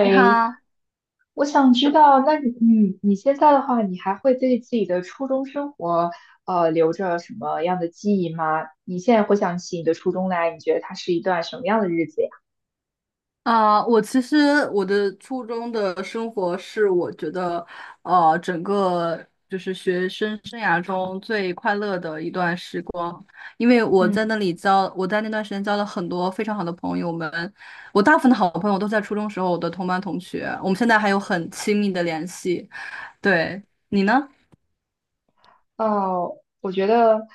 你好。我想知道，那你你现在的话，你还会对自己的初中生活，留着什么样的记忆吗？你现在回想起你的初中来，你觉得它是一段什么样的日子呀？我其实我的初中生活我觉得,整个就是学生生涯中最快乐的一段时光，因为嗯。我在那段时间交了很多非常好的朋友们。我大部分的好朋友都在初中时候我的同班同学，我们现在还有很亲密的联系。对，你呢？哦，我觉得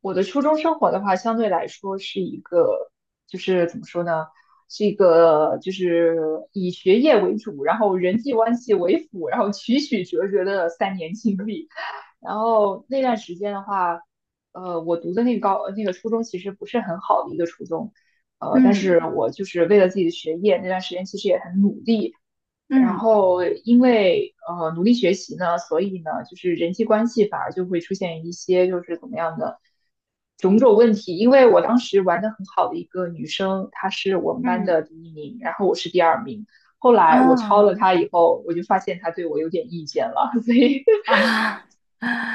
我的初中生活的话，相对来说是一个，就是怎么说呢，是一个就是以学业为主，然后人际关系为辅，然后曲曲折折的三年经历。然后那段时间的话，我读的那个那个初中其实不是很好的一个初中，但嗯，是我就是为了自己的学业，那段时间其实也很努力。然嗯，后因为努力学习呢，所以呢，就是人际关系反而就会出现一些就是怎么样的种种问题。因为我当时玩的很好的一个女生，她是我们班嗯，的第一名，然后我是第二名。后来我超了啊，她以后，我就发现她对我有点意见了，所以。啊！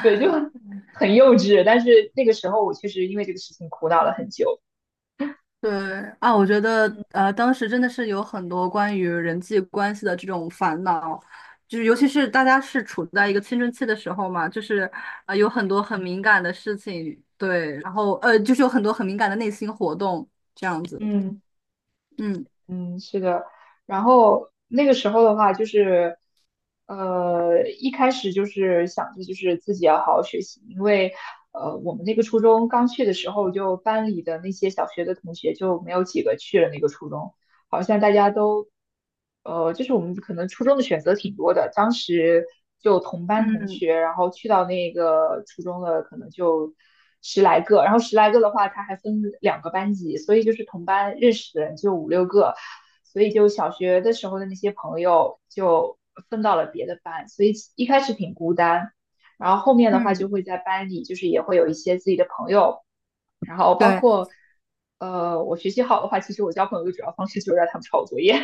对，就很 幼稚。但是那个时候，我确实因为这个事情苦恼了很久。对啊，我觉得当时真的是有很多关于人际关系的这种烦恼，就是尤其是大家是处在一个青春期的时候嘛，就是有很多很敏感的事情，对。然后就是有很多很敏感的内心活动这样子。嗯。嗯，嗯，是的。然后那个时候的话，就是一开始就是想着就是自己要好好学习，因为我们那个初中刚去的时候，就班里的那些小学的同学就没有几个去了那个初中。好像大家都，就是我们可能初中的选择挺多的，当时就同班同嗯，学，然后去到那个初中的可能就十来个，然后十来个的话，他还分两个班级，所以就是同班认识的人就五六个，所以就小学的时候的那些朋友就分到了别的班，所以一开始挺孤单，然后后面的话就嗯，会在班里，就是也会有一些自己的朋友。然后包对。括我学习好的话，其实我交朋友的主要方式就是让他们抄我作业。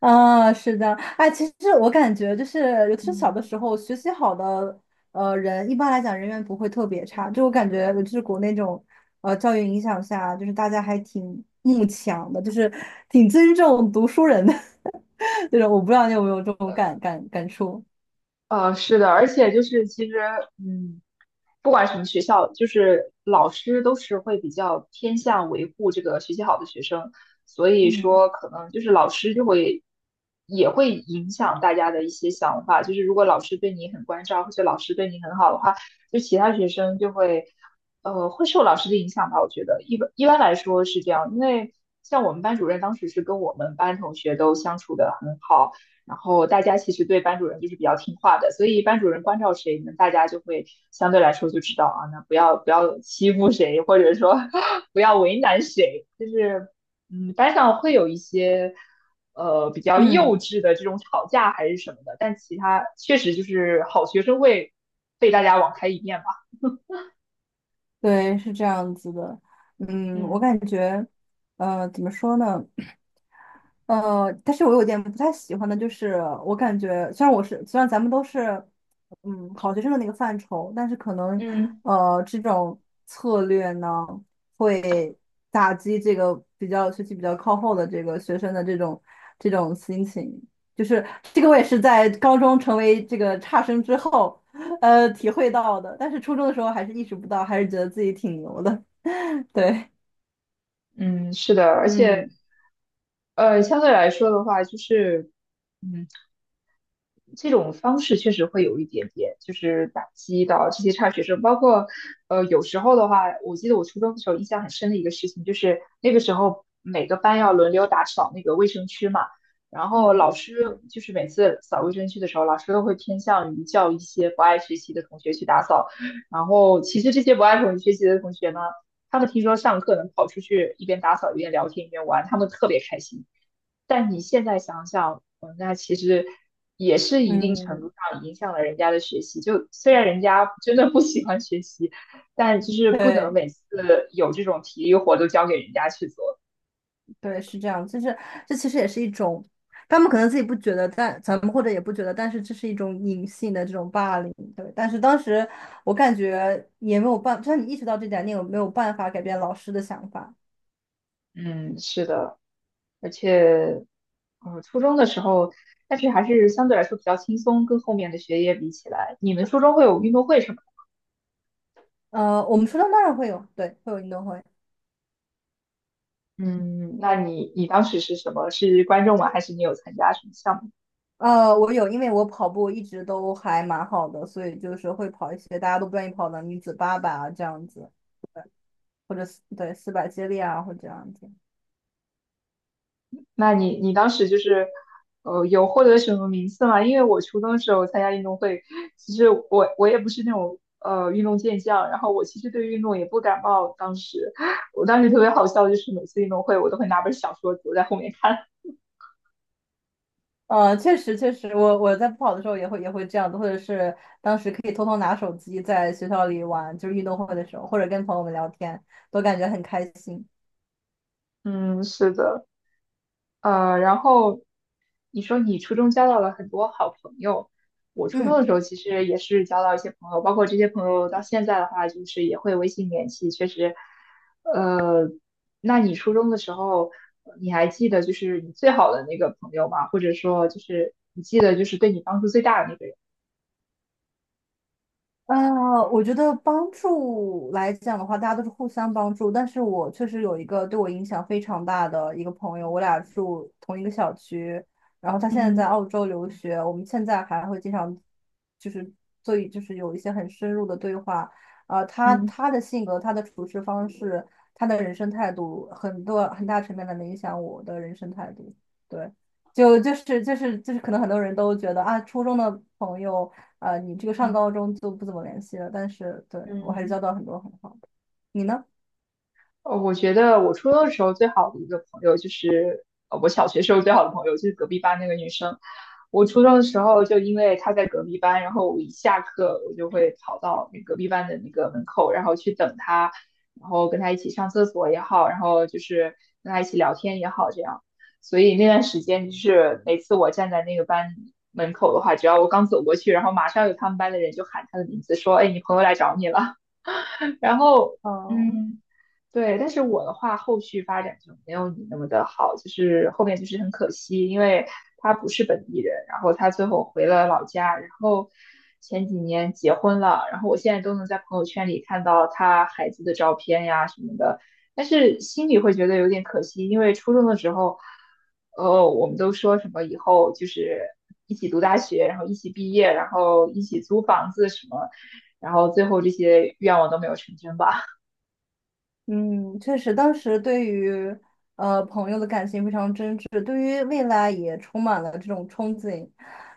啊，是的。哎，其实我感觉就是，尤其是小的嗯。时候，学习好的人，一般来讲人缘不会特别差。就我感觉，就是国内这种教育影响下，就是大家还挺慕强的，就是挺尊重读书人的 这种。我不知道你有没有这种感触？是的，而且就是其实，嗯，不管什么学校，就是老师都是会比较偏向维护这个学习好的学生，所以嗯，说可能就是老师就会也会影响大家的一些想法，就是如果老师对你很关照，或者老师对你很好的话，就其他学生就会会受老师的影响吧，我觉得一般来说是这样，因为像我们班主任当时是跟我们班同学都相处的很好。然后大家其实对班主任就是比较听话的，所以班主任关照谁，那大家就会相对来说就知道啊，那不要欺负谁，或者说 不要为难谁，就是嗯，班上会有一些比较幼嗯，稚的这种吵架还是什么的，但其他确实就是好学生会被大家网开一面吧。对，是这样子的。嗯，我嗯。感觉，怎么说呢？但是我有点不太喜欢的就是，我感觉虽然咱们都是，嗯，好学生的那个范畴，但是可能，嗯。这种策略呢，会打击这个学习比较靠后的这个学生的这种心情。就是这个，我也是在高中成为这个差生之后，体会到的。但是初中的时候还是意识不到，还是觉得自己挺牛的。对，嗯，是的，而且嗯，相对来说的话，就是嗯。这种方式确实会有一点点，就是打击到这些差学生。包括，有时候的话，我记得我初中的时候印象很深的一个事情，就是那个时候每个班要轮流打扫那个卫生区嘛，然后嗯，老师就是每次扫卫生区的时候，老师都会偏向于叫一些不爱学习的同学去打扫。然后其实这些不爱同学习的同学呢，他们听说上课能跑出去一边打扫一边聊天一边玩，他们特别开心。但你现在想想，嗯，那其实也是一定程嗯，度上影响了人家的学习。就虽然人家真的不喜欢学习，但就是不能对。每次有这种体力活都交给人家去做。对，是这样，就是这其实也是一种，他们可能自己不觉得，但咱们或者也不觉得，但是这是一种隐性的这种霸凌，对。但是当时我感觉也没有办，就算你意识到这点，你也没有办法改变老师的想法。嗯，是的，而且，初中的时候，但是还是相对来说比较轻松，跟后面的学业比起来，你们初中会有运动会什么的。我们初中当然会有，对，会有运动会。嗯，那你当时是什么？是观众吗？还是你有参加什么项目？我有，因为我跑步一直都还蛮好的，所以就是会跑一些大家都不愿意跑的女子八百啊这样子，或者四对四百接力啊或者这样子。那你当时就是，有获得什么名次吗？因为我初中的时候参加运动会，其实我也不是那种运动健将，然后我其实对运动也不感冒。当时我当时特别好笑，就是每次运动会我都会拿本小说躲在后面看。确实确实，我在不跑的时候也会这样子，或者是当时可以偷偷拿手机在学校里玩，就是运动会的时候，或者跟朋友们聊天，都感觉很开心。嗯，是的，然后你说你初中交到了很多好朋友，我初中嗯。的时候其实也是交到一些朋友，包括这些朋友到现在的话，就是也会微信联系，确实。那你初中的时候，你还记得就是你最好的那个朋友吗？或者说就是你记得就是对你帮助最大的那个人？呃，我觉得帮助来讲的话，大家都是互相帮助。但是我确实有一个对我影响非常大的一个朋友，我俩住同一个小区，然后他现在在嗯。澳洲留学，我们现在还会经常就是所以就是有一些很深入的对话。呃，他嗯。他的性格、他的处事方式、他的人生态度，很多很大层面的能影响我的人生态度。对，就是,可能很多人都觉得啊，初中的朋友，你这个上高嗯中就不怎么联系了，但是对我还是嗯，交到很多很好的。你呢？我觉得我初中的时候最好的一个朋友就是，我小学时候最好的朋友就是隔壁班那个女生。我初中的时候就因为她在隔壁班，然后我一下课我就会跑到那隔壁班的那个门口，然后去等她，然后跟她一起上厕所也好，然后就是跟她一起聊天也好，这样。所以那段时间就是每次我站在那个班门口的话，只要我刚走过去，然后马上有他们班的人就喊她的名字，说：“哎，你朋友来找你了。”然后，哦，嗯，对，但是我的话，后续发展就没有你那么的好，就是后面就是很可惜，因为他不是本地人，然后他最后回了老家，然后前几年结婚了，然后我现在都能在朋友圈里看到他孩子的照片呀什么的，但是心里会觉得有点可惜，因为初中的时候，我们都说什么以后就是一起读大学，然后一起毕业，然后一起租房子什么，然后最后这些愿望都没有成真吧。嗯，确实，当时对于朋友的感情非常真挚，对于未来也充满了这种憧憬。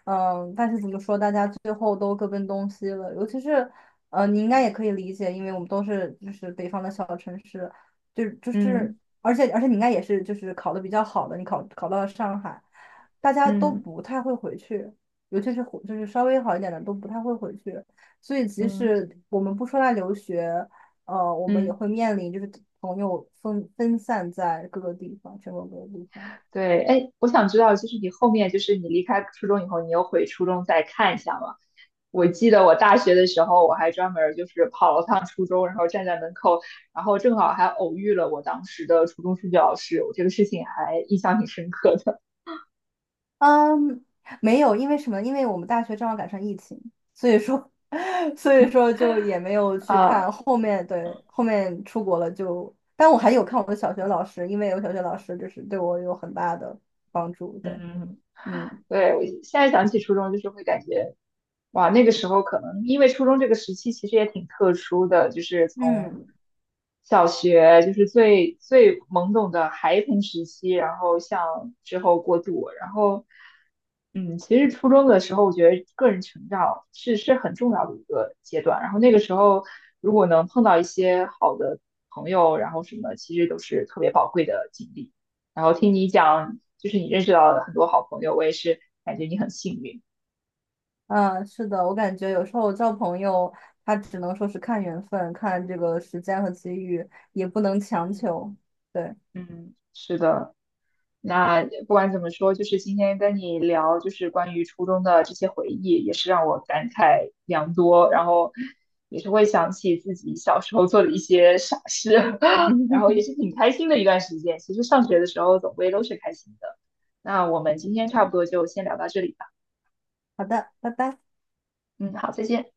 嗯，但是怎么说，大家最后都各奔东西了。尤其是你应该也可以理解，因为我们都是就是北方的小城市，就就 是，嗯而且你应该也是就是考的比较好的，你考到了上海，大家都嗯不太会回去，尤其是回就是稍微好一点的都不太会回去。所以即嗯。使我们不说来留学，我们也嗯。会面临就是朋友分散在各个地方，全国各个地方。对，哎，我想知道，就是你后面，就是你离开初中以后，你又回初中再看一下吗？我记得我大学的时候，我还专门儿就是跑了趟初中，然后站在门口，然后正好还偶遇了我当时的初中数学老师，我这个事情还印象挺深刻的。嗯，没有。因为什么？因为我们大学正好赶上疫情，所以说，所以说就也没有 去啊。看后面，对，后面出国了就，但我还有看我的小学老师，因为有小学老师就是对我有很大的帮助，对。嗯。嗯，对，我现在想起初中，就是会感觉哇，那个时候可能因为初中这个时期其实也挺特殊的，就是从嗯，小学就是最懵懂的孩童时期，然后向之后过渡，然后嗯，其实初中的时候，我觉得个人成长是很重要的一个阶段，然后那个时候如果能碰到一些好的朋友，然后什么，其实都是特别宝贵的经历。然后听你讲，就是你认识到了很多好朋友，我也是感觉你很幸运，嗯，是的，我感觉有时候交朋友，他只能说是看缘分，看这个时间和机遇，也不能强嗯。求，对。嗯，是的。那不管怎么说，就是今天跟你聊，就是关于初中的这些回忆，也是让我感慨良多，然后也是会想起自己小时候做的一些傻事，然后也嗯，是挺开心的一段时间。其实上学的时候总归都是开心的。那我们今天差不多就先聊到这里吧。好的，拜拜。嗯，好，再见。